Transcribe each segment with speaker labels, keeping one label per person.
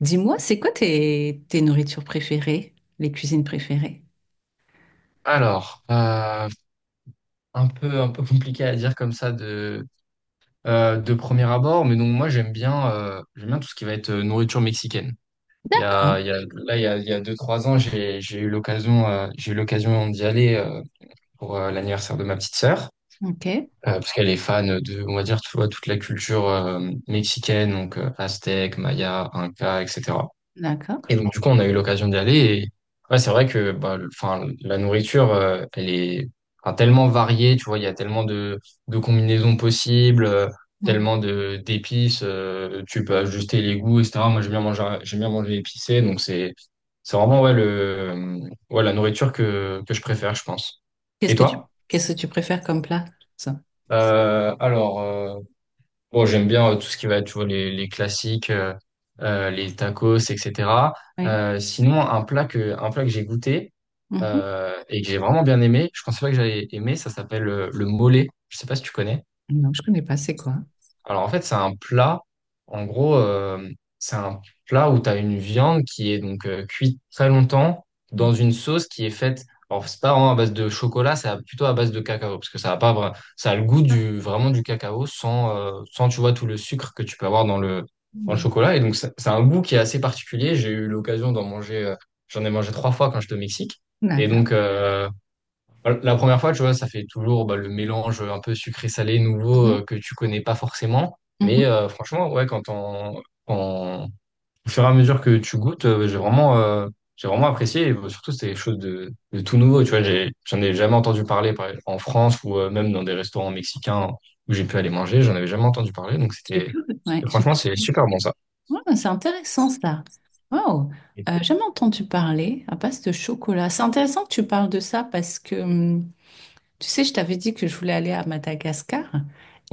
Speaker 1: Dis-moi, c'est quoi tes nourritures préférées, les cuisines préférées?
Speaker 2: Alors, euh, un peu compliqué à dire comme ça de premier abord, mais donc moi j'aime bien tout ce qui va être nourriture mexicaine.
Speaker 1: D'accord.
Speaker 2: Il y a, là, il y a deux, trois ans, j'ai eu l'occasion d'y aller pour l'anniversaire de ma petite sœur,
Speaker 1: Ok,
Speaker 2: parce qu'elle est fan de, on va dire, tu vois, toute la culture mexicaine, donc aztèque, maya, inca, etc.
Speaker 1: d'accord.
Speaker 2: Et donc, du coup, on a eu l'occasion d'y aller. Et ouais, c'est vrai que bah, enfin, la nourriture, elle est enfin, tellement variée. Tu vois, il y a tellement de combinaisons possibles,
Speaker 1: Mm.
Speaker 2: tellement de d'épices. Tu peux ajuster les goûts, etc. Moi, j'aime bien manger épicé. Donc, c'est vraiment ouais, ouais, la nourriture que je préfère, je pense.
Speaker 1: Qu'est-ce
Speaker 2: Et
Speaker 1: que tu,
Speaker 2: toi?
Speaker 1: Qu'est-ce que tu préfères comme plat? Ça.
Speaker 2: Euh, alors, euh, Bon, j'aime bien tout ce qui va être, tu vois, les classiques, les tacos, etc.
Speaker 1: Oui.
Speaker 2: Sinon, un plat que j'ai goûté
Speaker 1: Mhm.
Speaker 2: et que j'ai vraiment bien aimé, je pensais pas que j'allais aimer, ça s'appelle le mollet. Je sais pas si tu connais.
Speaker 1: Non, je connais pas, c'est quoi?
Speaker 2: Alors en fait, c'est un plat, en gros, c'est un plat où tu as une viande qui est donc cuite très longtemps
Speaker 1: Mm.
Speaker 2: dans une sauce qui est faite, alors c'est pas vraiment à base de chocolat, plutôt à base de cacao, parce que ça a pas, ça a le goût du, vraiment du cacao sans, tu vois, tout le sucre que tu peux avoir dans le
Speaker 1: Mm.
Speaker 2: chocolat. Et donc c'est un goût qui est assez particulier. J'ai eu l'occasion d'en manger, j'en ai mangé trois fois quand j'étais au Mexique. Et
Speaker 1: D'accord.
Speaker 2: donc, euh, bah, La première fois, tu vois, ça fait toujours bah, le mélange un peu sucré-salé nouveau
Speaker 1: Mhm.
Speaker 2: que tu connais pas forcément. Mais
Speaker 1: Mhm.
Speaker 2: franchement, ouais, au fur et à mesure que tu goûtes, j'ai vraiment apprécié. Et, bah, surtout, c'était quelque chose de tout nouveau. Tu vois, j'en ai jamais entendu en France ou même dans des restaurants mexicains où j'ai pu aller manger. J'en avais jamais entendu parler. Donc,
Speaker 1: Je suis
Speaker 2: c'était,
Speaker 1: curieuse. Ouais, je suis
Speaker 2: franchement, c'est
Speaker 1: curieuse.
Speaker 2: super bon ça.
Speaker 1: Ouais, c'est intéressant ça. Wow.
Speaker 2: Ouais,
Speaker 1: Jamais entendu parler à base de chocolat. C'est intéressant que tu parles de ça parce que tu sais, je t'avais dit que je voulais aller à Madagascar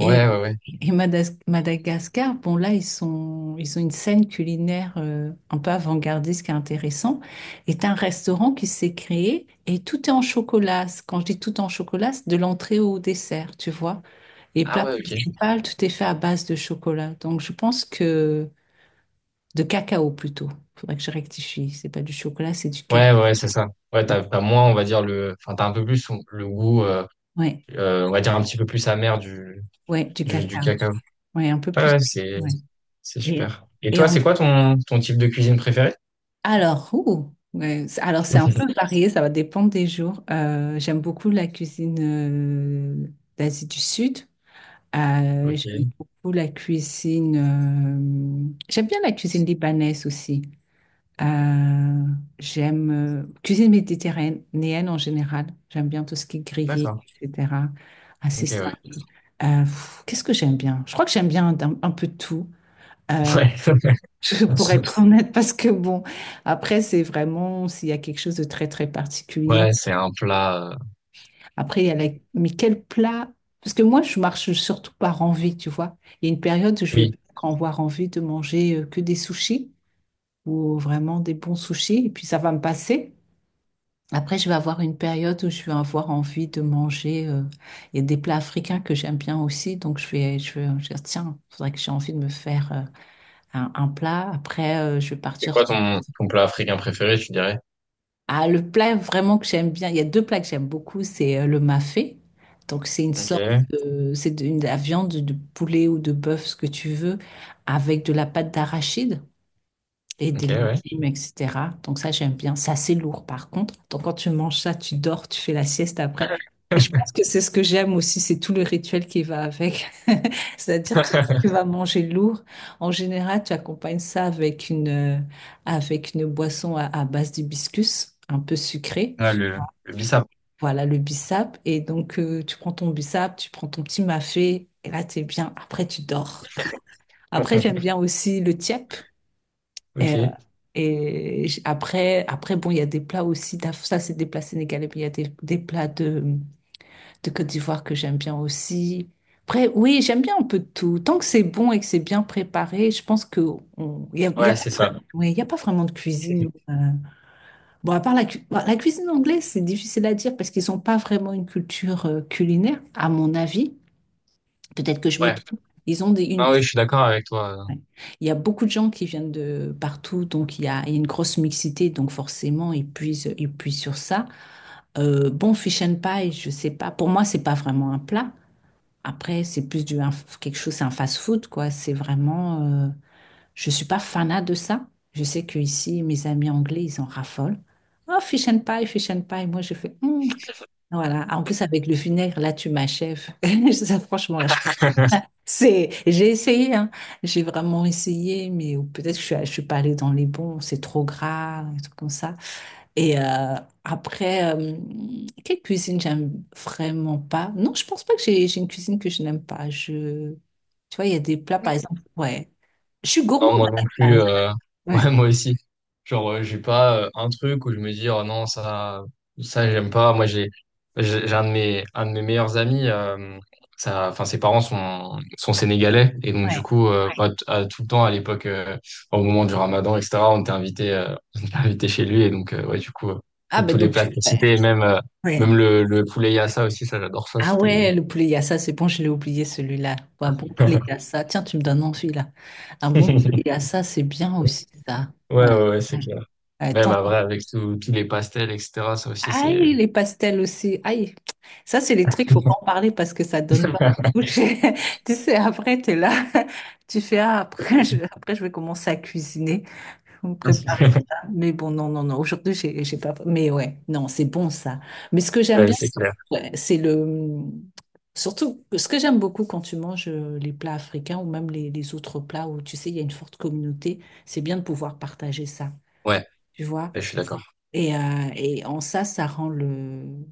Speaker 1: et euh,
Speaker 2: ouais.
Speaker 1: Madagascar, bon là, ils ont une scène culinaire un peu avant-gardiste qui est intéressant. Est un restaurant qui s'est créé et tout est en chocolat. Quand je dis tout en chocolat, c'est de l'entrée au dessert, tu vois. Et
Speaker 2: Ah
Speaker 1: plat
Speaker 2: ouais, ok.
Speaker 1: principal, tout est fait à base de chocolat. Donc je pense que de cacao plutôt. Faudrait que je rectifie. C'est pas du chocolat, c'est du
Speaker 2: Ouais,
Speaker 1: cacao.
Speaker 2: ouais, c'est ça. Ouais, t'as moins, on va dire, enfin, t'as un peu plus le goût.
Speaker 1: Ouais,
Speaker 2: On va dire un petit peu plus amer du,
Speaker 1: ouais, du
Speaker 2: du, du
Speaker 1: cacao.
Speaker 2: cacao.
Speaker 1: Ouais, un peu
Speaker 2: Ouais,
Speaker 1: plus.
Speaker 2: ouais,
Speaker 1: Ouais.
Speaker 2: c'est
Speaker 1: Et,
Speaker 2: super. Et
Speaker 1: et
Speaker 2: toi,
Speaker 1: en
Speaker 2: c'est quoi ton, ton type de cuisine préféré?
Speaker 1: Alors, ouh, ouais, alors c'est un peu varié, ça va dépendre des jours. J'aime beaucoup la cuisine d'Asie du Sud.
Speaker 2: Ok,
Speaker 1: J'aime beaucoup la cuisine. J'aime bien la cuisine libanaise aussi. Euh, J'aime cuisine méditerranéenne en général. J'aime bien tout ce qui est grillé,
Speaker 2: d'accord.
Speaker 1: etc. Assez
Speaker 2: Ok, ouais.
Speaker 1: simple. Qu'est-ce que j'aime bien? Je crois que j'aime bien un peu tout. Euh,
Speaker 2: Ouais,
Speaker 1: Je pourrais être honnête parce que bon, après, c'est vraiment s'il y a quelque chose de très très particulier.
Speaker 2: ouais, c'est un plat.
Speaker 1: Après, il y a la... Mais quel plat? Parce que moi, je marche surtout par envie, tu vois. Il y a une période où je vais
Speaker 2: Oui.
Speaker 1: avoir envie de manger que des sushis ou vraiment des bons sushis et puis ça va me passer. Après, je vais avoir une période où je vais avoir envie de manger. Il y a des plats africains que j'aime bien aussi, donc je vais dire, tiens, faudrait que j'ai envie de me faire un plat. Après, je vais
Speaker 2: C'est quoi
Speaker 1: partir.
Speaker 2: ton, ton plat africain préféré, tu dirais?
Speaker 1: Ah, le plat vraiment que j'aime bien, il y a deux plats que j'aime beaucoup, c'est le mafé. Donc c'est une
Speaker 2: Ok,
Speaker 1: sorte de, c'est de, une- de la viande de poulet ou de bœuf, ce que tu veux, avec de la pâte d'arachide et
Speaker 2: ok,
Speaker 1: des
Speaker 2: ouais.
Speaker 1: légumes, etc. Donc ça, j'aime bien. C'est assez lourd, par contre. Donc quand tu manges ça, tu dors, tu fais la sieste après. Et je pense que c'est ce que j'aime aussi, c'est tout le rituel qui va avec. C'est-à-dire, tu vas manger lourd. En général, tu accompagnes ça avec une boisson à base d'hibiscus, un peu sucrée.
Speaker 2: Ah, le bissap.
Speaker 1: Voilà, le bissap. Et donc, tu prends ton bissap, tu prends ton petit mafé, et là, t'es bien. Après, tu dors. Après, j'aime bien aussi le tiep.
Speaker 2: Ok.
Speaker 1: Après, bon, il y a des plats aussi, ça c'est des plats sénégalais, mais il y a des plats de Côte d'Ivoire que j'aime bien aussi. Après, oui, j'aime bien un peu de tout. Tant que c'est bon et que c'est bien préparé, je pense que on- il n'y a, il y
Speaker 2: Ouais,
Speaker 1: a,
Speaker 2: c'est ça.
Speaker 1: ouais, il y a pas vraiment de cuisine. Bon, à part bon, la cuisine anglaise, c'est difficile à dire parce qu'ils n'ont pas vraiment une culture culinaire, à mon avis. Peut-être que je me
Speaker 2: Ouais.
Speaker 1: trompe. Ils ont des, une,
Speaker 2: Non, oui, je suis d'accord avec toi.
Speaker 1: Ouais. Il y a beaucoup de gens qui viennent de partout, donc il y a une grosse mixité, donc forcément, ils puisent sur ça. Bon, fish and pie, je sais pas. Pour moi, c'est pas vraiment un plat. Après, c'est plus quelque chose, c'est un fast-food, quoi. C'est vraiment. Je suis pas fanat de ça. Je sais que ici, mes amis anglais, ils en raffolent. Oh, fish and pie, fish and pie. Moi, je fais. Hmm. Voilà. Ah, en plus, avec le vinaigre, là, tu m'achèves. Ça, franchement, là, j'ai essayé, hein. J'ai vraiment essayé, mais ou peut-être que je suis pas allée dans les bons, c'est trop gras, un truc comme ça. Et euh, Après, quelle cuisine j'aime vraiment pas? Non, je pense pas que j'ai une cuisine que je n'aime pas. Tu vois, il y a des plats, par exemple, ouais. Je suis
Speaker 2: Non,
Speaker 1: gourmande
Speaker 2: moi non
Speaker 1: à la
Speaker 2: plus.
Speaker 1: base.
Speaker 2: Ouais,
Speaker 1: Ouais,
Speaker 2: moi aussi. Genre, j'ai pas un truc où je me dis, oh non, ça, j'aime pas. Moi, j'ai un de mes meilleurs amis. Ça, enfin, ses parents sont sénégalais. Et donc, du
Speaker 1: ouais.
Speaker 2: coup, pas t- à tout le temps, à l'époque, au moment du ramadan, etc., on était invité, on était invité chez lui. Et donc, ouais, du coup,
Speaker 1: Ah
Speaker 2: tous
Speaker 1: ben
Speaker 2: tous les
Speaker 1: donc,
Speaker 2: plats que
Speaker 1: ouais.
Speaker 2: cités, et même,
Speaker 1: Ouais.
Speaker 2: même le poulet yassa aussi, ça, j'adore ça.
Speaker 1: Ah
Speaker 2: C'était,
Speaker 1: ouais, le poulet yassa, c'est bon, je l'ai oublié celui-là. Ouais, un bon poulet yassa, tiens, tu me donnes envie là. Un
Speaker 2: ouais,
Speaker 1: bon poulet yassa, c'est bien aussi ça. Ouais.
Speaker 2: ouais, ouais, c'est clair.
Speaker 1: Euh,
Speaker 2: Même après, avec tous les pastels, etc., ça aussi, c'est,
Speaker 1: Aïe, les pastels aussi. Aïe. Ça, c'est les trucs, faut pas en parler parce que ça donne l'eau à la bouche. Tu sais, après, tu es là. Tu fais, ah, après, après, je vais commencer à cuisiner, me préparer ça. Mais bon, non, non, non. Aujourd'hui, j'ai pas. Mais ouais, non, c'est bon, ça. Mais ce que j'aime
Speaker 2: ouais,
Speaker 1: bien,
Speaker 2: c'est clair.
Speaker 1: ouais, c'est le. Surtout, ce que j'aime beaucoup quand tu manges les plats africains ou même les autres plats où, tu sais, il y a une forte communauté, c'est bien de pouvoir partager ça.
Speaker 2: Ouais,
Speaker 1: Tu vois?
Speaker 2: je suis d'accord.
Speaker 1: Et en ça rend le...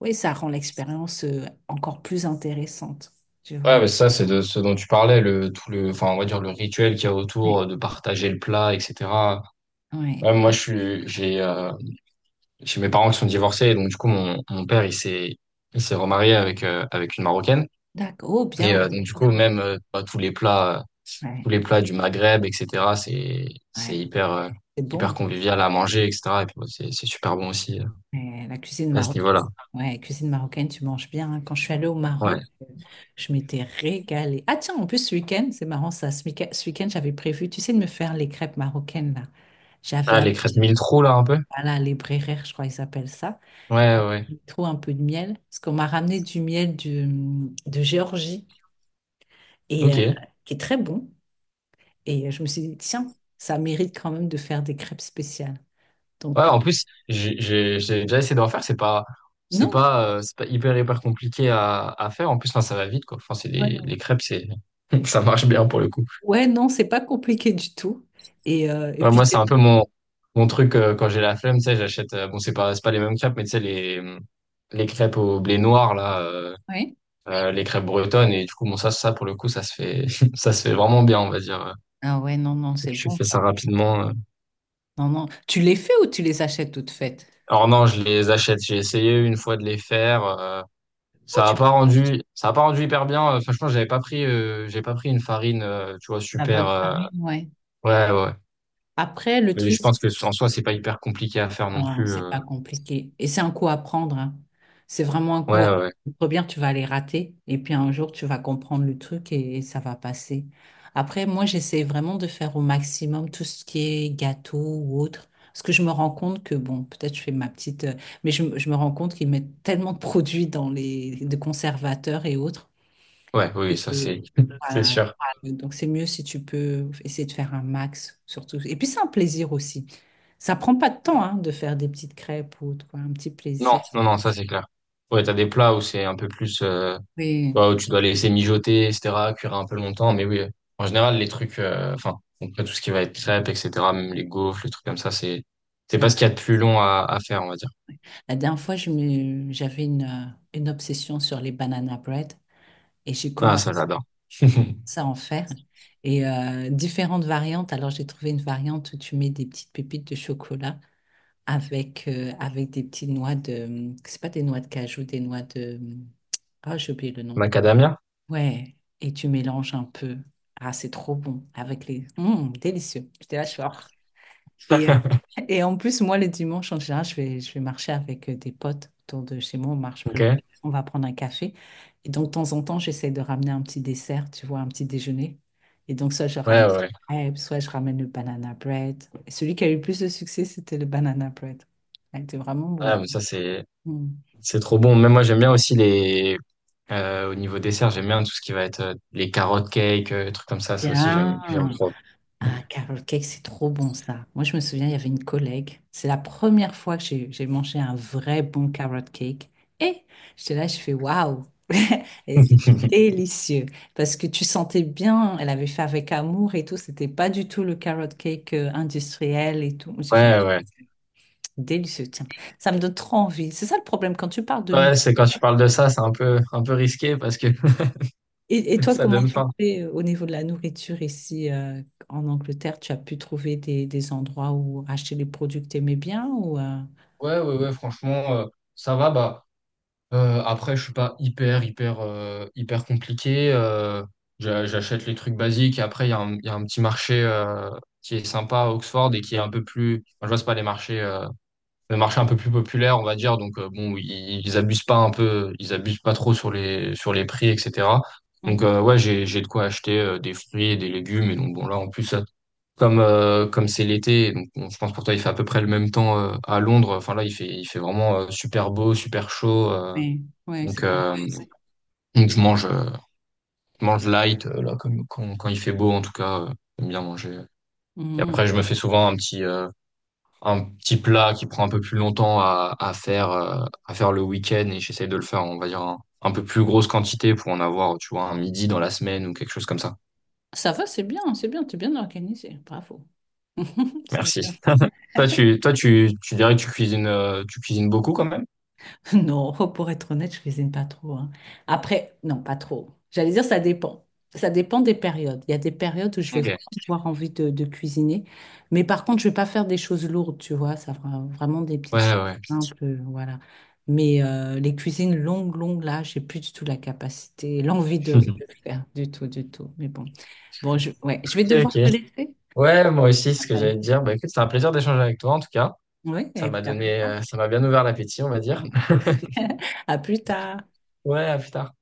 Speaker 1: Oui, ça rend l'expérience encore plus intéressante, tu vois.
Speaker 2: Ouais, mais ça, c'est de ce dont tu parlais, tout enfin, on va dire le rituel qu'il y a
Speaker 1: Ouais,
Speaker 2: autour de partager le plat, etc.
Speaker 1: ouais.
Speaker 2: Ouais, moi,
Speaker 1: Ouais.
Speaker 2: j'ai mes parents qui sont divorcés, donc du coup, mon père, il s'est remarié avec, avec une Marocaine.
Speaker 1: D'accord. Oh,
Speaker 2: Et
Speaker 1: bien.
Speaker 2: donc du coup,
Speaker 1: Ouais,
Speaker 2: même bah, tous
Speaker 1: ouais.
Speaker 2: les plats du Maghreb, etc. C'est
Speaker 1: Ouais.
Speaker 2: hyper,
Speaker 1: C'est
Speaker 2: hyper
Speaker 1: bon.
Speaker 2: convivial à manger, etc. Et puis, bah, c'est super bon aussi
Speaker 1: Ouais, la cuisine
Speaker 2: à ce
Speaker 1: marocaine.
Speaker 2: niveau-là.
Speaker 1: Ouais, cuisine marocaine, tu manges bien, hein. Quand je suis allée au
Speaker 2: Ouais.
Speaker 1: Maroc, je m'étais régalée. Ah tiens, en plus, ce week-end, c'est marrant ça. Ce week-end, j'avais prévu, tu sais, de me faire les crêpes marocaines, là. J'avais,
Speaker 2: Ah,
Speaker 1: ad-
Speaker 2: les crêpes mille trous là, un peu.
Speaker 1: voilà, les bréhères, je crois qu'ils appellent ça.
Speaker 2: Ouais, ouais.
Speaker 1: Trop un peu de miel, parce qu'on m'a ramené du miel de Géorgie, et euh,
Speaker 2: Ok.
Speaker 1: qui est très bon. Et je me suis dit, tiens, ça mérite quand même de faire des crêpes spéciales. Donc
Speaker 2: Ouais, en
Speaker 1: peut-être...
Speaker 2: plus, j'ai déjà essayé d'en faire.
Speaker 1: Non,
Speaker 2: C'est pas hyper, hyper compliqué à faire. En plus, enfin, ça va vite, quoi. Enfin,
Speaker 1: ouais,
Speaker 2: les crêpes, c'est, ça marche bien pour le coup.
Speaker 1: ouais, non, c'est pas compliqué du tout. Et
Speaker 2: Ouais, moi,
Speaker 1: puis,
Speaker 2: c'est un peu mon, mon truc, quand j'ai la flemme, tu sais, j'achète, bon, c'est pas les mêmes crêpes, mais tu sais, les crêpes au blé noir, là,
Speaker 1: ouais.
Speaker 2: les crêpes bretonnes. Et du coup, bon, pour le coup, ça se fait vraiment bien, on va dire.
Speaker 1: Ah ouais, non, non, c'est
Speaker 2: Je
Speaker 1: bon
Speaker 2: fais ça
Speaker 1: ça.
Speaker 2: rapidement.
Speaker 1: Non, non. Tu les fais ou tu les achètes toutes faites?
Speaker 2: Alors non, je les achète. J'ai essayé une fois de les faire.
Speaker 1: Oh, tu prends
Speaker 2: Ça a pas rendu hyper bien. Franchement, j'ai pas pris une farine, tu vois,
Speaker 1: la bonne
Speaker 2: super.
Speaker 1: farine, ouais.
Speaker 2: Ouais, ouais. ouais.
Speaker 1: Après, le
Speaker 2: Mais
Speaker 1: truc,
Speaker 2: je pense que en soi, c'est pas hyper compliqué à faire non
Speaker 1: Non,
Speaker 2: plus.
Speaker 1: c'est pas compliqué. Et c'est un coup à prendre, hein. C'est vraiment un coup
Speaker 2: Ouais,
Speaker 1: à
Speaker 2: ouais,
Speaker 1: prendre. Bien, tu vas les rater et puis un jour, tu vas comprendre le truc et ça va passer. Après, moi, j'essaie vraiment de faire au maximum tout ce qui est gâteau ou autre. Parce que je me rends compte que, bon, peut-être je fais ma petite. Mais je me rends compte qu'ils mettent tellement de produits dans de conservateurs et autres.
Speaker 2: ouais, ouais, oui, ça c'est,
Speaker 1: euh,
Speaker 2: c'est
Speaker 1: voilà.
Speaker 2: sûr.
Speaker 1: Donc, c'est mieux si tu peux essayer de faire un max, surtout. Et puis, c'est un plaisir aussi. Ça prend pas de temps hein, de faire des petites crêpes ou autre, quoi, un petit
Speaker 2: Non,
Speaker 1: plaisir.
Speaker 2: non, non, ça c'est clair. Ouais, t'as des plats où c'est un peu plus, tu
Speaker 1: Oui,
Speaker 2: vois, où tu dois laisser mijoter, etc., cuire un peu longtemps. Mais oui, en général, les trucs, enfin, après tout ce qui va être crêpes, etc., même les gaufres, les trucs comme ça, c'est
Speaker 1: c'est
Speaker 2: pas
Speaker 1: vrai.
Speaker 2: ce qu'il y a de plus long à faire, on va dire.
Speaker 1: La dernière fois, j'avais une obsession sur les banana bread et j'ai
Speaker 2: Ah,
Speaker 1: commencé
Speaker 2: ça j'adore.
Speaker 1: à en faire. Différentes variantes. Alors, j'ai trouvé une variante où tu mets des petites pépites de chocolat avec des petites noix de... C'est pas des noix de cajou, des noix de... Ah, j'ai oublié le nom.
Speaker 2: Macadamia.
Speaker 1: Ouais, et tu mélanges un peu. Ah, c'est trop bon avec les... délicieux. J'étais là, je suis... Et, et en plus, moi, le dimanche, en général, je vais marcher avec des potes autour de chez moi. On marche près
Speaker 2: Ok.
Speaker 1: de... On va prendre un café. Et donc, de temps en temps, j'essaie de ramener un petit dessert, tu vois, un petit déjeuner. Et donc, soit je
Speaker 2: Ouais,
Speaker 1: ramène
Speaker 2: ouais. ouais.
Speaker 1: crêpes, soit je ramène le banana bread. Et celui qui a eu le plus de succès, c'était le banana bread. Ah, il était vraiment
Speaker 2: Ah,
Speaker 1: bon.
Speaker 2: mais ça,
Speaker 1: Mm.
Speaker 2: c'est trop bon. Même moi, j'aime bien aussi les, au niveau dessert, j'aime bien tout ce qui va être les carottes cake, trucs comme ça. Ça aussi, j'aime, j'aime
Speaker 1: Bien.
Speaker 2: trop.
Speaker 1: Ah, carrot cake, c'est trop bon ça. Moi, je me souviens, il y avait une collègue. C'est la première fois que j'ai mangé un vrai bon carrot cake. Et j'étais là, je fais waouh! Elle était délicieux. Parce que tu sentais bien, elle avait fait avec amour et tout. C'était pas du tout le carrot cake industriel et tout. J'ai fait
Speaker 2: Ouais, ouais.
Speaker 1: délicieux, tiens. Ça me donne trop envie. C'est ça le problème quand tu parles de nous.
Speaker 2: Ouais, c'est quand tu parles de ça, c'est un peu risqué parce que
Speaker 1: Et toi,
Speaker 2: ça
Speaker 1: comment
Speaker 2: donne
Speaker 1: tu
Speaker 2: faim.
Speaker 1: fais au niveau de la nourriture ici en Angleterre? Tu as pu trouver des endroits où acheter les produits que tu aimais bien ou
Speaker 2: Ouais, ouais, ouais, franchement, ça va, bah, après, je suis pas hyper, hyper, hyper compliqué, j'achète les trucs basiques, et après, il y a un petit marché, qui est sympa à Oxford et qui est un peu plus, enfin, je vois, c'est pas les marchés, le marché un peu plus populaire, on va dire. Donc bon, ils abusent pas un peu, ils abusent pas trop sur les prix, etc. Donc
Speaker 1: Mhm.
Speaker 2: euh, ouais, j'ai de quoi acheter des fruits et des légumes. Et donc bon là, en plus, comme comme c'est l'été, donc bon, je pense pour toi il fait à peu près le même temps à Londres. Enfin là, il fait vraiment super beau, super chaud.
Speaker 1: Oui, oui,
Speaker 2: Donc
Speaker 1: c'est comme.
Speaker 2: euh, donc je mange light là comme quand il fait beau en tout cas. J'aime bien manger. Et
Speaker 1: Mhm.
Speaker 2: après, je me fais souvent un petit plat qui prend un peu plus longtemps à faire le week-end et j'essaye de le faire, on va dire, en un peu plus grosse quantité pour en avoir, tu vois, un midi dans la semaine ou quelque chose comme ça.
Speaker 1: Ça va, c'est bien, tu es bien organisé, bravo. C'est
Speaker 2: Merci.
Speaker 1: bien.
Speaker 2: Tu dirais que tu cuisines beaucoup quand même?
Speaker 1: Non, pour être honnête, je cuisine pas trop, hein. Après, non, pas trop. J'allais dire, ça dépend. Ça dépend des périodes. Il y a des périodes où je vais
Speaker 2: Ok.
Speaker 1: vraiment avoir envie de cuisiner. Mais par contre, je vais pas faire des choses lourdes, tu vois. Ça fera vraiment des petites
Speaker 2: Ouais,
Speaker 1: choses
Speaker 2: ouais.
Speaker 1: simples, voilà. Mais les cuisines longues, longues, là, j'ai plus du tout la capacité, l'envie de le faire du tout, du tout. Mais bon, bon, ouais, je vais
Speaker 2: Ok,
Speaker 1: devoir
Speaker 2: ok.
Speaker 1: te laisser.
Speaker 2: Ouais, moi aussi, c'est ce que j'allais
Speaker 1: Appelle.
Speaker 2: te dire. Bah écoute, c'était un plaisir d'échanger avec toi, en tout cas.
Speaker 1: Oui,
Speaker 2: Ça
Speaker 1: et
Speaker 2: m'a
Speaker 1: puis à plus
Speaker 2: donné,
Speaker 1: tard.
Speaker 2: ça m'a bien ouvert l'appétit, on va dire.
Speaker 1: Comme beaucoup aussi. À plus tard.
Speaker 2: Ouais, à plus tard.